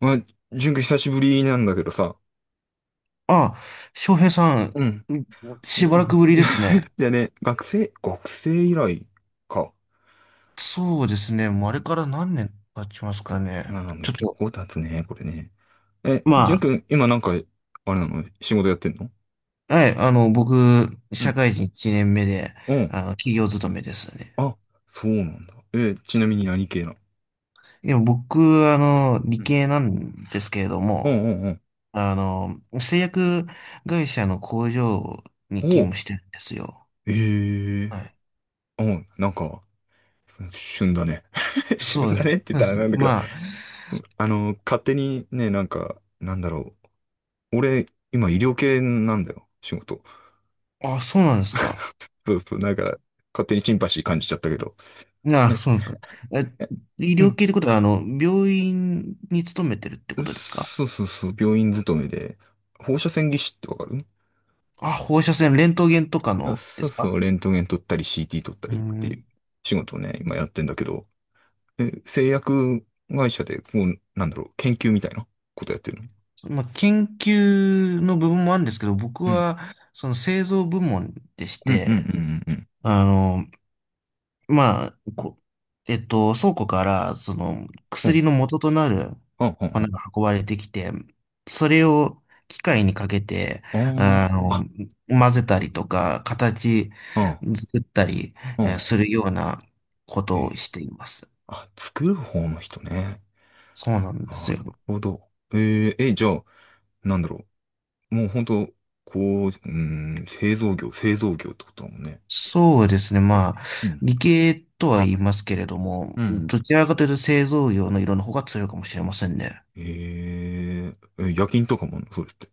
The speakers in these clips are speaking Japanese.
まあ、純君久しぶりなんだけどさ。あ、翔平さうん。ん、んしばらくぶりですね。でね、学生以来か。そうですね。もうあれから何年経ちますかね。まあ、ちょっ結と、構経つね、これね。え、ま純君、今なんか、あれなの仕事やってんの？はい、僕、う社ん。会人1年目で、うん。企業勤めですね。あ、そうなんだ。え、ちなみに何系なの？でも僕、う理ん系なんですけれどうんも、うんうん。製薬会社の工場にほう。勤務してるんですよ。ええはい。ー。うん、なんか、旬だね。旬そうだねって言っでたらす。なんだけど、まあの、勝手にね、なんか、なんだろう。俺、今医療系なんだよ、仕事。あ、あ、そうなんですか。そうそう、なんか、勝手にシンパシー感じちゃったけど。あえあ、そうなんですか。え、え、医う療ん。系ってことは、病院に勤めてるってことですか？そうそうそう、病院勤めで、放射線技師ってわかる？あ、放射線、レントゲンとかあ、のでそうすそう、か？レントゲン撮ったり CT 撮ったうりっていん。う仕事をね、今やってんだけど、え、製薬会社で、こう、なんだろう、研究みたいなことやってるの？まあ、研究の部分もあるんですけど、僕うん。は、その製造部門でしうんうんうて、んうんあの、まあ、こ、えっと、倉庫から、その、うん。う薬ん。の元となるあ、あ、粉あ、が運ばれてきて、それを機械にかけて、あ、あの、あ、混なぜるたほりどね。とか、形あ、作ったりあ、あ、するようなこえとーをしています。あ、作る方の人ね。そうなんでなするよ。ほど。え、じゃあ、なんだろう。もう本当、こう、うん、製造業ってことだもんね。そうですね。え、まあ、うん。理系とは言いますけれども、うん。どちらかというと製造業の色の方が強いかもしれませんね。ええ、夜勤とかもあんのそれって？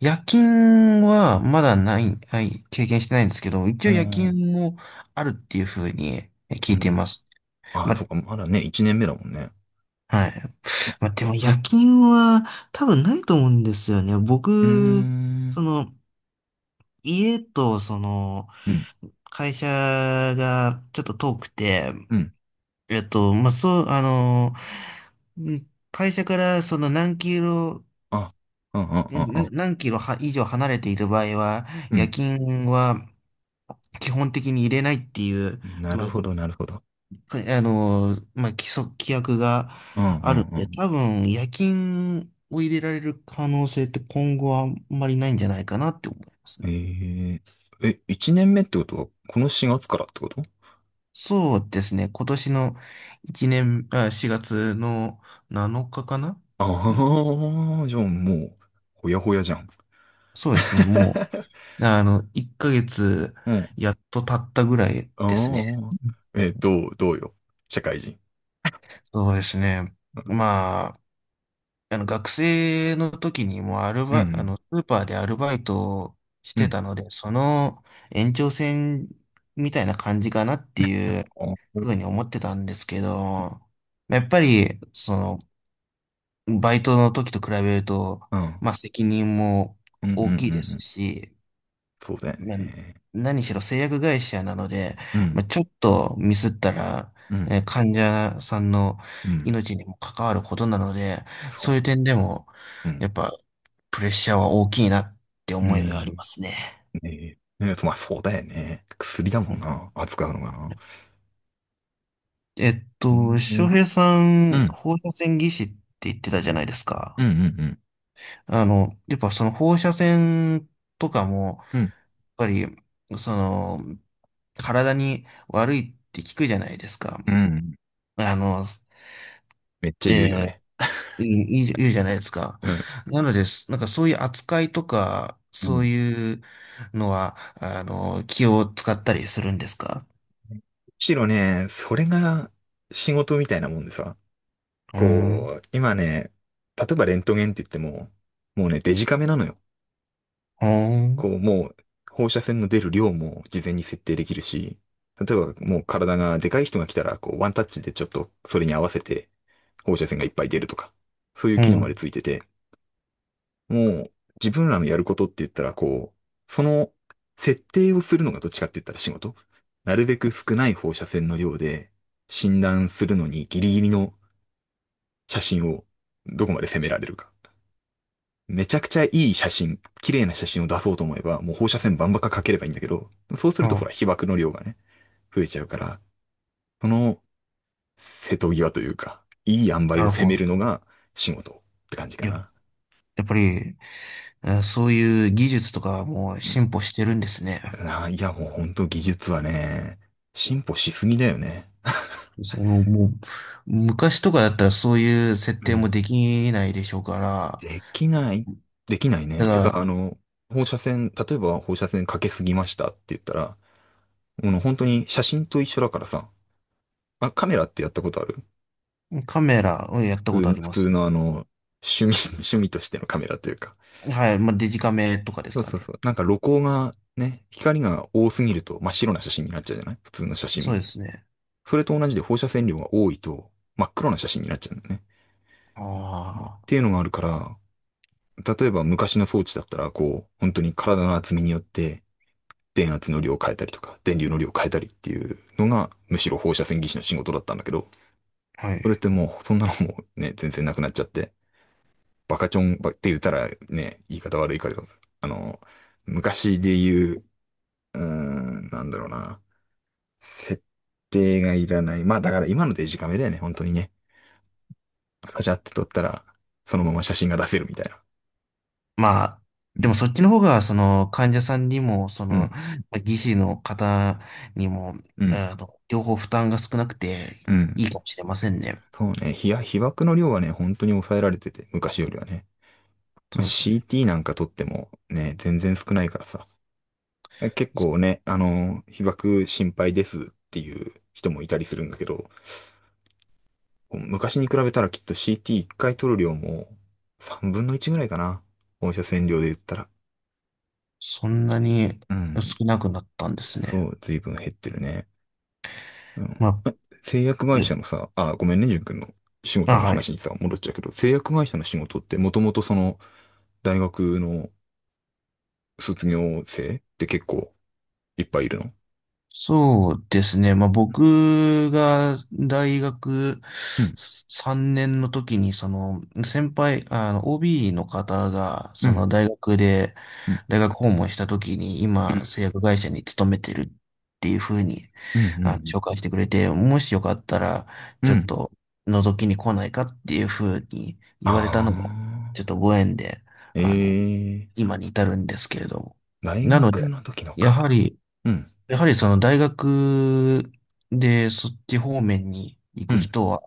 夜勤はまうだん、ない、はい、経験してないんですけど、一う応ー夜ん、勤もあるっていうふうにう聞いていまん。す。あ、そま、うか、まだね、一年目だもんね。はい。ま、でえ、も夜勤は多分ないと思うんですよね。うー僕、ん、その、家とその、うん、会社がちょっと遠くて、うん。えっと、まあ、そう、あの、うん会社からその何キロあ、うん、うん、で、うん、何キロは以上離れている場合は、う夜ん。勤は基本的に入れないっていう、うん、なるまあ、ほど、なるほど。規約がうん、うあるん、んうで、ん。多分夜勤を入れられる可能性って今後はあんまりないんじゃないかなって思いますえね。ー、え、一年目ってことは、この4月からってこと？そうですね。今年の1年、あ、4月の7日かかな？うんああー、じゃあもう、ほやほやじゃん。そうですね。も う、1ヶ月うん、やっと経ったぐらいですね。ああ、え、どうよ。社会人。そうですね。うん。まあ、あの学生の時にもうアルうバイ、あん、の、スーパーでアルバイトをしうてん。たので、その延長線みたいな感じかなっていうあ、ふうに思ってたんですけど、やっぱり、その、バイトの時と比べると、うん。まあ責任もうん、うん、うん。う大きいですん、し、そうだよまあ、ね。何しろ製薬会社なので、うまん、あ、ちょっとミスったら、うん、患者さんのうん。命にも関わることなので、そうそういうね。点でも、うやん。っぱ、プレッシャーは大きいなってう思いがありん。ますね。ねえ。ねえ、まあ、そうだよね。薬だもうんん、な。扱うのがな。えっうと、ん。う翔ん、平さうん、ん、放射線技師って言ってたじゃないですうか。ん、うん、あの、やっぱその放射線とかも、やっうん、ぱり、その、体に悪いって聞くじゃないですか。あの、めっちゃえ言うよえ、ね。いいじゃないですか。うん。なのです。なんかそういう扱いとか、む、うそうん。いうのは、気を使ったりするんですか？むしろね、それが仕事みたいなもんでさ。うーん、こう、今ね、例えばレントゲンって言っても、もうね、デジカメなのよ。ほーこん、う、もう、放射線の出る量も事前に設定できるし、例えばもう体がでかい人が来たら、こう、ワンタッチでちょっとそれに合わせて放射線がいっぱい出るとか、そういうう機能までん、ついてて、もう、自分らのやることって言ったら、こう、その設定をするのがどっちかって言ったら仕事。なるべく少ない放射線の量で診断するのにギリギリの写真をどこまで攻められるか。めちゃくちゃいい写真、綺麗な写真を出そうと思えば、もう放射線バンバカかければいいんだけど、そうするとほら、あ、被曝の量がね、増えちゃうから、その瀬戸際というか、いい塩梅なをる攻ほめど。るのが仕事って感じかや、な。やっぱり、そういう技術とかはもううん、進歩してるんですね。あ、いや、もうほんと技術はね、進歩しすぎだよね。そのもう、昔とかだったらそういう設う定もん。できないでしょうから、できない、できないね。だてか、あかの、放射線、例えば放射線かけすぎましたって言ったら、もう本当に写真と一緒だからさ、あ、カメラってやったことある？カメラをや普ったことあ通り普ま通す。のあの、趣味、趣味としてのカメラというか。はい、まあ、デジカメとかですそうかそうそね。う。なんか露光がね、光が多すぎると真っ白な写真になっちゃうじゃない、普通の写真そうも。ですね。それと同じで放射線量が多いと真っ黒な写真になっちゃうんだよね。っあていうのがあるから、例えば昔の装置だったら、こう、本当に体の厚みによって電圧の量を変えたりとか、電流の量を変えたりっていうのが、むしろ放射線技師の仕事だったんだけど、あ、はそれっい。てもう、そんなのもね、全然なくなっちゃって、バカチョンばって言ったらね、言い方悪いから、あの、昔で言う、うーん、なんだろうな。設定がいらない。まあだから今のデジカメだよね、本当にね。カチャって撮ったら、そのまま写真が出せるみたいな。まあ、うでもん、そっちの方が、その、患者さんにも、そうの、ん、技師の方にも、うん。両方負担が少なくてうん、いいかもしれませんね。そうね、被爆の量はね、本当に抑えられてて、昔よりはね。まそあ、うですね。CT なんか撮ってもね、全然少ないからさ。結構ね、あの、被爆心配ですっていう人もいたりするんだけど、昔に比べたらきっと CT1 回取る量も3分の1ぐらいかな。放射線量で言ったら。そんなにうん。少なくなったんですそね。う、随分減ってるね。うん。まあ、製薬会社でのさ、あ、ごめんね、淳君の仕事あ、のはい。話にさ、戻っちゃうけど、製薬会社の仕事ってもともとその、大学の卒業生って結構いっぱいいるの？そうですね。まあ、僕が大学うん3年の時に、その、あの、OB の方が、うそんの大学で、うん大学訪問した時に、う今、ん製薬会社に勤めてるっていうふうに、うんうん紹介してくれて、もしよかったら、うんちょうっん。と、覗きに来ないかっていうふうに言われたのが、あちょっあとご縁で、ー、あの、ええー、今に至るんですけれども。大なので、学の時のやはか。り、うんやはりその大学でそっち方面に行うくん。人は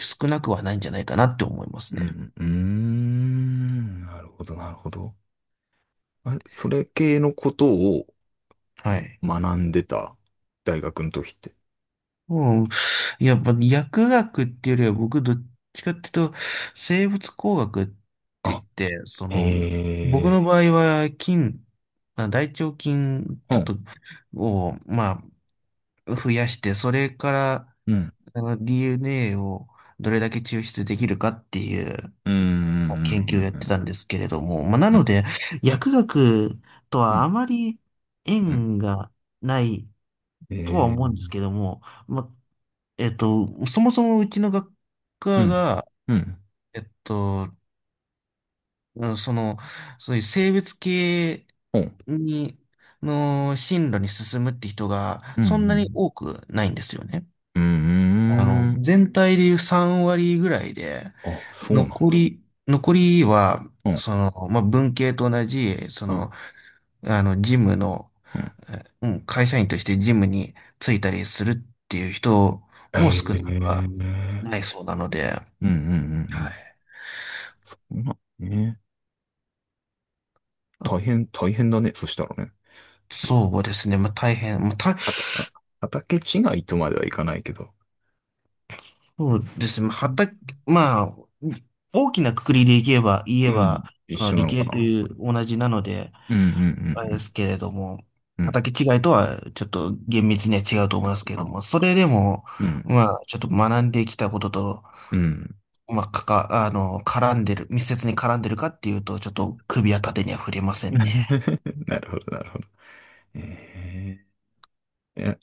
少なくはないんじゃないかなって思いまうすね。ん、うーん、なるほど、なるほど。あれ、それ系のことをはい。学んでた、大学の時って。うん。やっぱ薬学っていうよりは僕どっちかっていうと生物工学って言あ、って、そへの僕え、の場合はまあ大腸菌うちょっん、とを、まあ、増やして、それからうん、あの DNA をどれだけ抽出できるかっていううん、う研究をん、やっうん、てうたんですけれども、まあ、なん、うのん、で、薬学とうはん、あまりうん、縁がないへとはえ、思うんですけども、まあ、えっと、そもそもうちの学う科ん、が、うん、えっと、うんその、そういう生物系うん、に、の進路に進むって人がうそんなにん、多くないんですよね。うん、あうの、ん、全体でいう3割ぐらいで、あ、そうなんだ。残りは、うん、その、まあ、文系と同じ、そうん、の、事務の、うん、うん、会社員として事務に就いたりするっていう人へも少なくえ、はないそうなので、うん、うん、うはい。ん、うん、まあね、あ大変、大変だね、そしたらね。そうですね。まあ、大変。あた、あ畑違いとまではいかないけど、そうですね。まあうん、畑、まあ、大きな括りで言えば、うん、一その緒な理のか系とな。いう同じなので、うんうあれでんすけれども、うんうんうん。畑違いとはちょっと厳密には違うと思いますけれども、それでも、うん。まあ、ちょっと学んできたことと、うん。まあ、あの、絡んでる、密接に絡んでるかっていうと、ちょっと首は縦には触れませんね。なるほど、なるほど。ええ、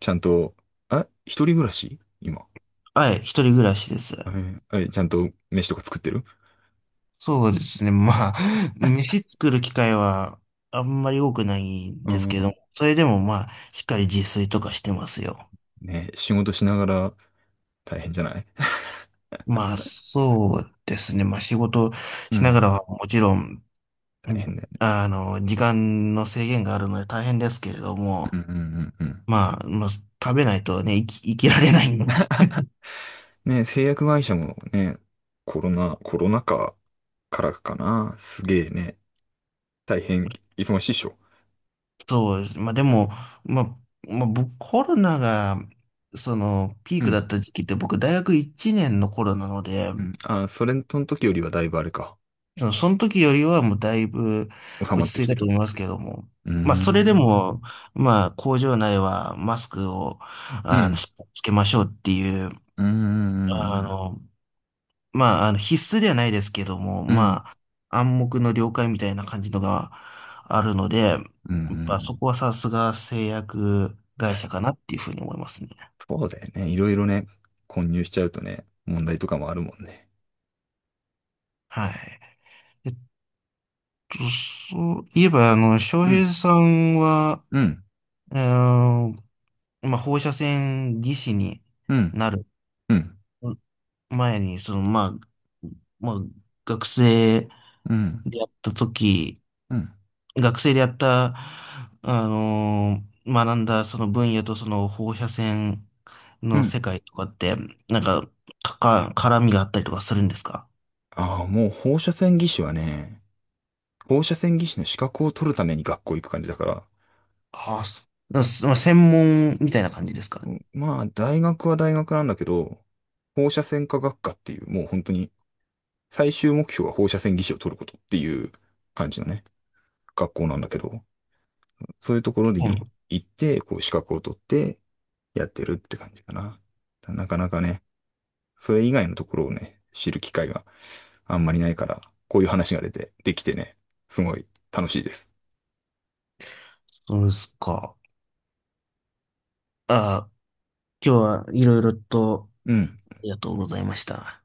ちゃんと、あ、一人暮らし今？はい、一人暮らしです。え、ちゃんと飯とか作ってる？そうですね。まあ、飯作る機会はあんまり多くないんうですけど、ん。それでもまあ、しっかり自炊とかしてますよ。ね、仕事しながら大変じゃない？まあ、そうですね。まあ、仕事うしながん。らはもちろん、う大変んだよね。あの、時間の制限があるので大変ですけれどうも、んうんうんうん。まあ、まあ、食べないとね、生きられないんで。ね、製薬会社もね、コロナ禍からかな。すげえね。大変忙しいっしょ？そうです。まあ、でも、まあ、まあ、僕、コロナが、その、ピーうクだっん。た時期って僕、大学1年の頃なので、うん。あ、それの時よりはだいぶあれか。その時よりはもうだいぶ収まっ落ちて着きいてたとる。思いますけども。うーまあ、それでん。も、まあ、工場内はマスクを、うん。しっかりつけましょうっていう、うーあん。の、必須ではないですけども、うん。まあ、暗黙の了解みたいな感じのがあるので、やうっぱそん。こはさすが製薬会社かなっていうふうに思いますね。そうだよね。いろいろね、混入しちゃうとね、問題とかもあるもんね。はい。えっと、そういえば、翔うん。平さんは、うん。えーまあ、放射線技師にうん。なるうん。前に、まあ、学生うん。でやった時、うん。学生でやった、学んだその分野とその放射線うのん。世界とかって、なんか、か絡みがあったりとかするんですか？ああ、もう放射線技師はね、放射線技師の資格を取るために学校行く感じだから、はあ、まあ、専門みたいな感じですかね。うん、まあ、大学は大学なんだけど、放射線科学科っていう、もう本当に最終目標は放射線技師を取ることっていう感じのね、学校なんだけど、そういうところうにん、行って、こう資格を取ってやってるって感じかな。なかなかね、それ以外のところをね、知る機会があんまりないから、こういう話が出て、できてね、すごい楽しいです。そうですか。ああ、今日はいろいろとうん。ありがとうございました。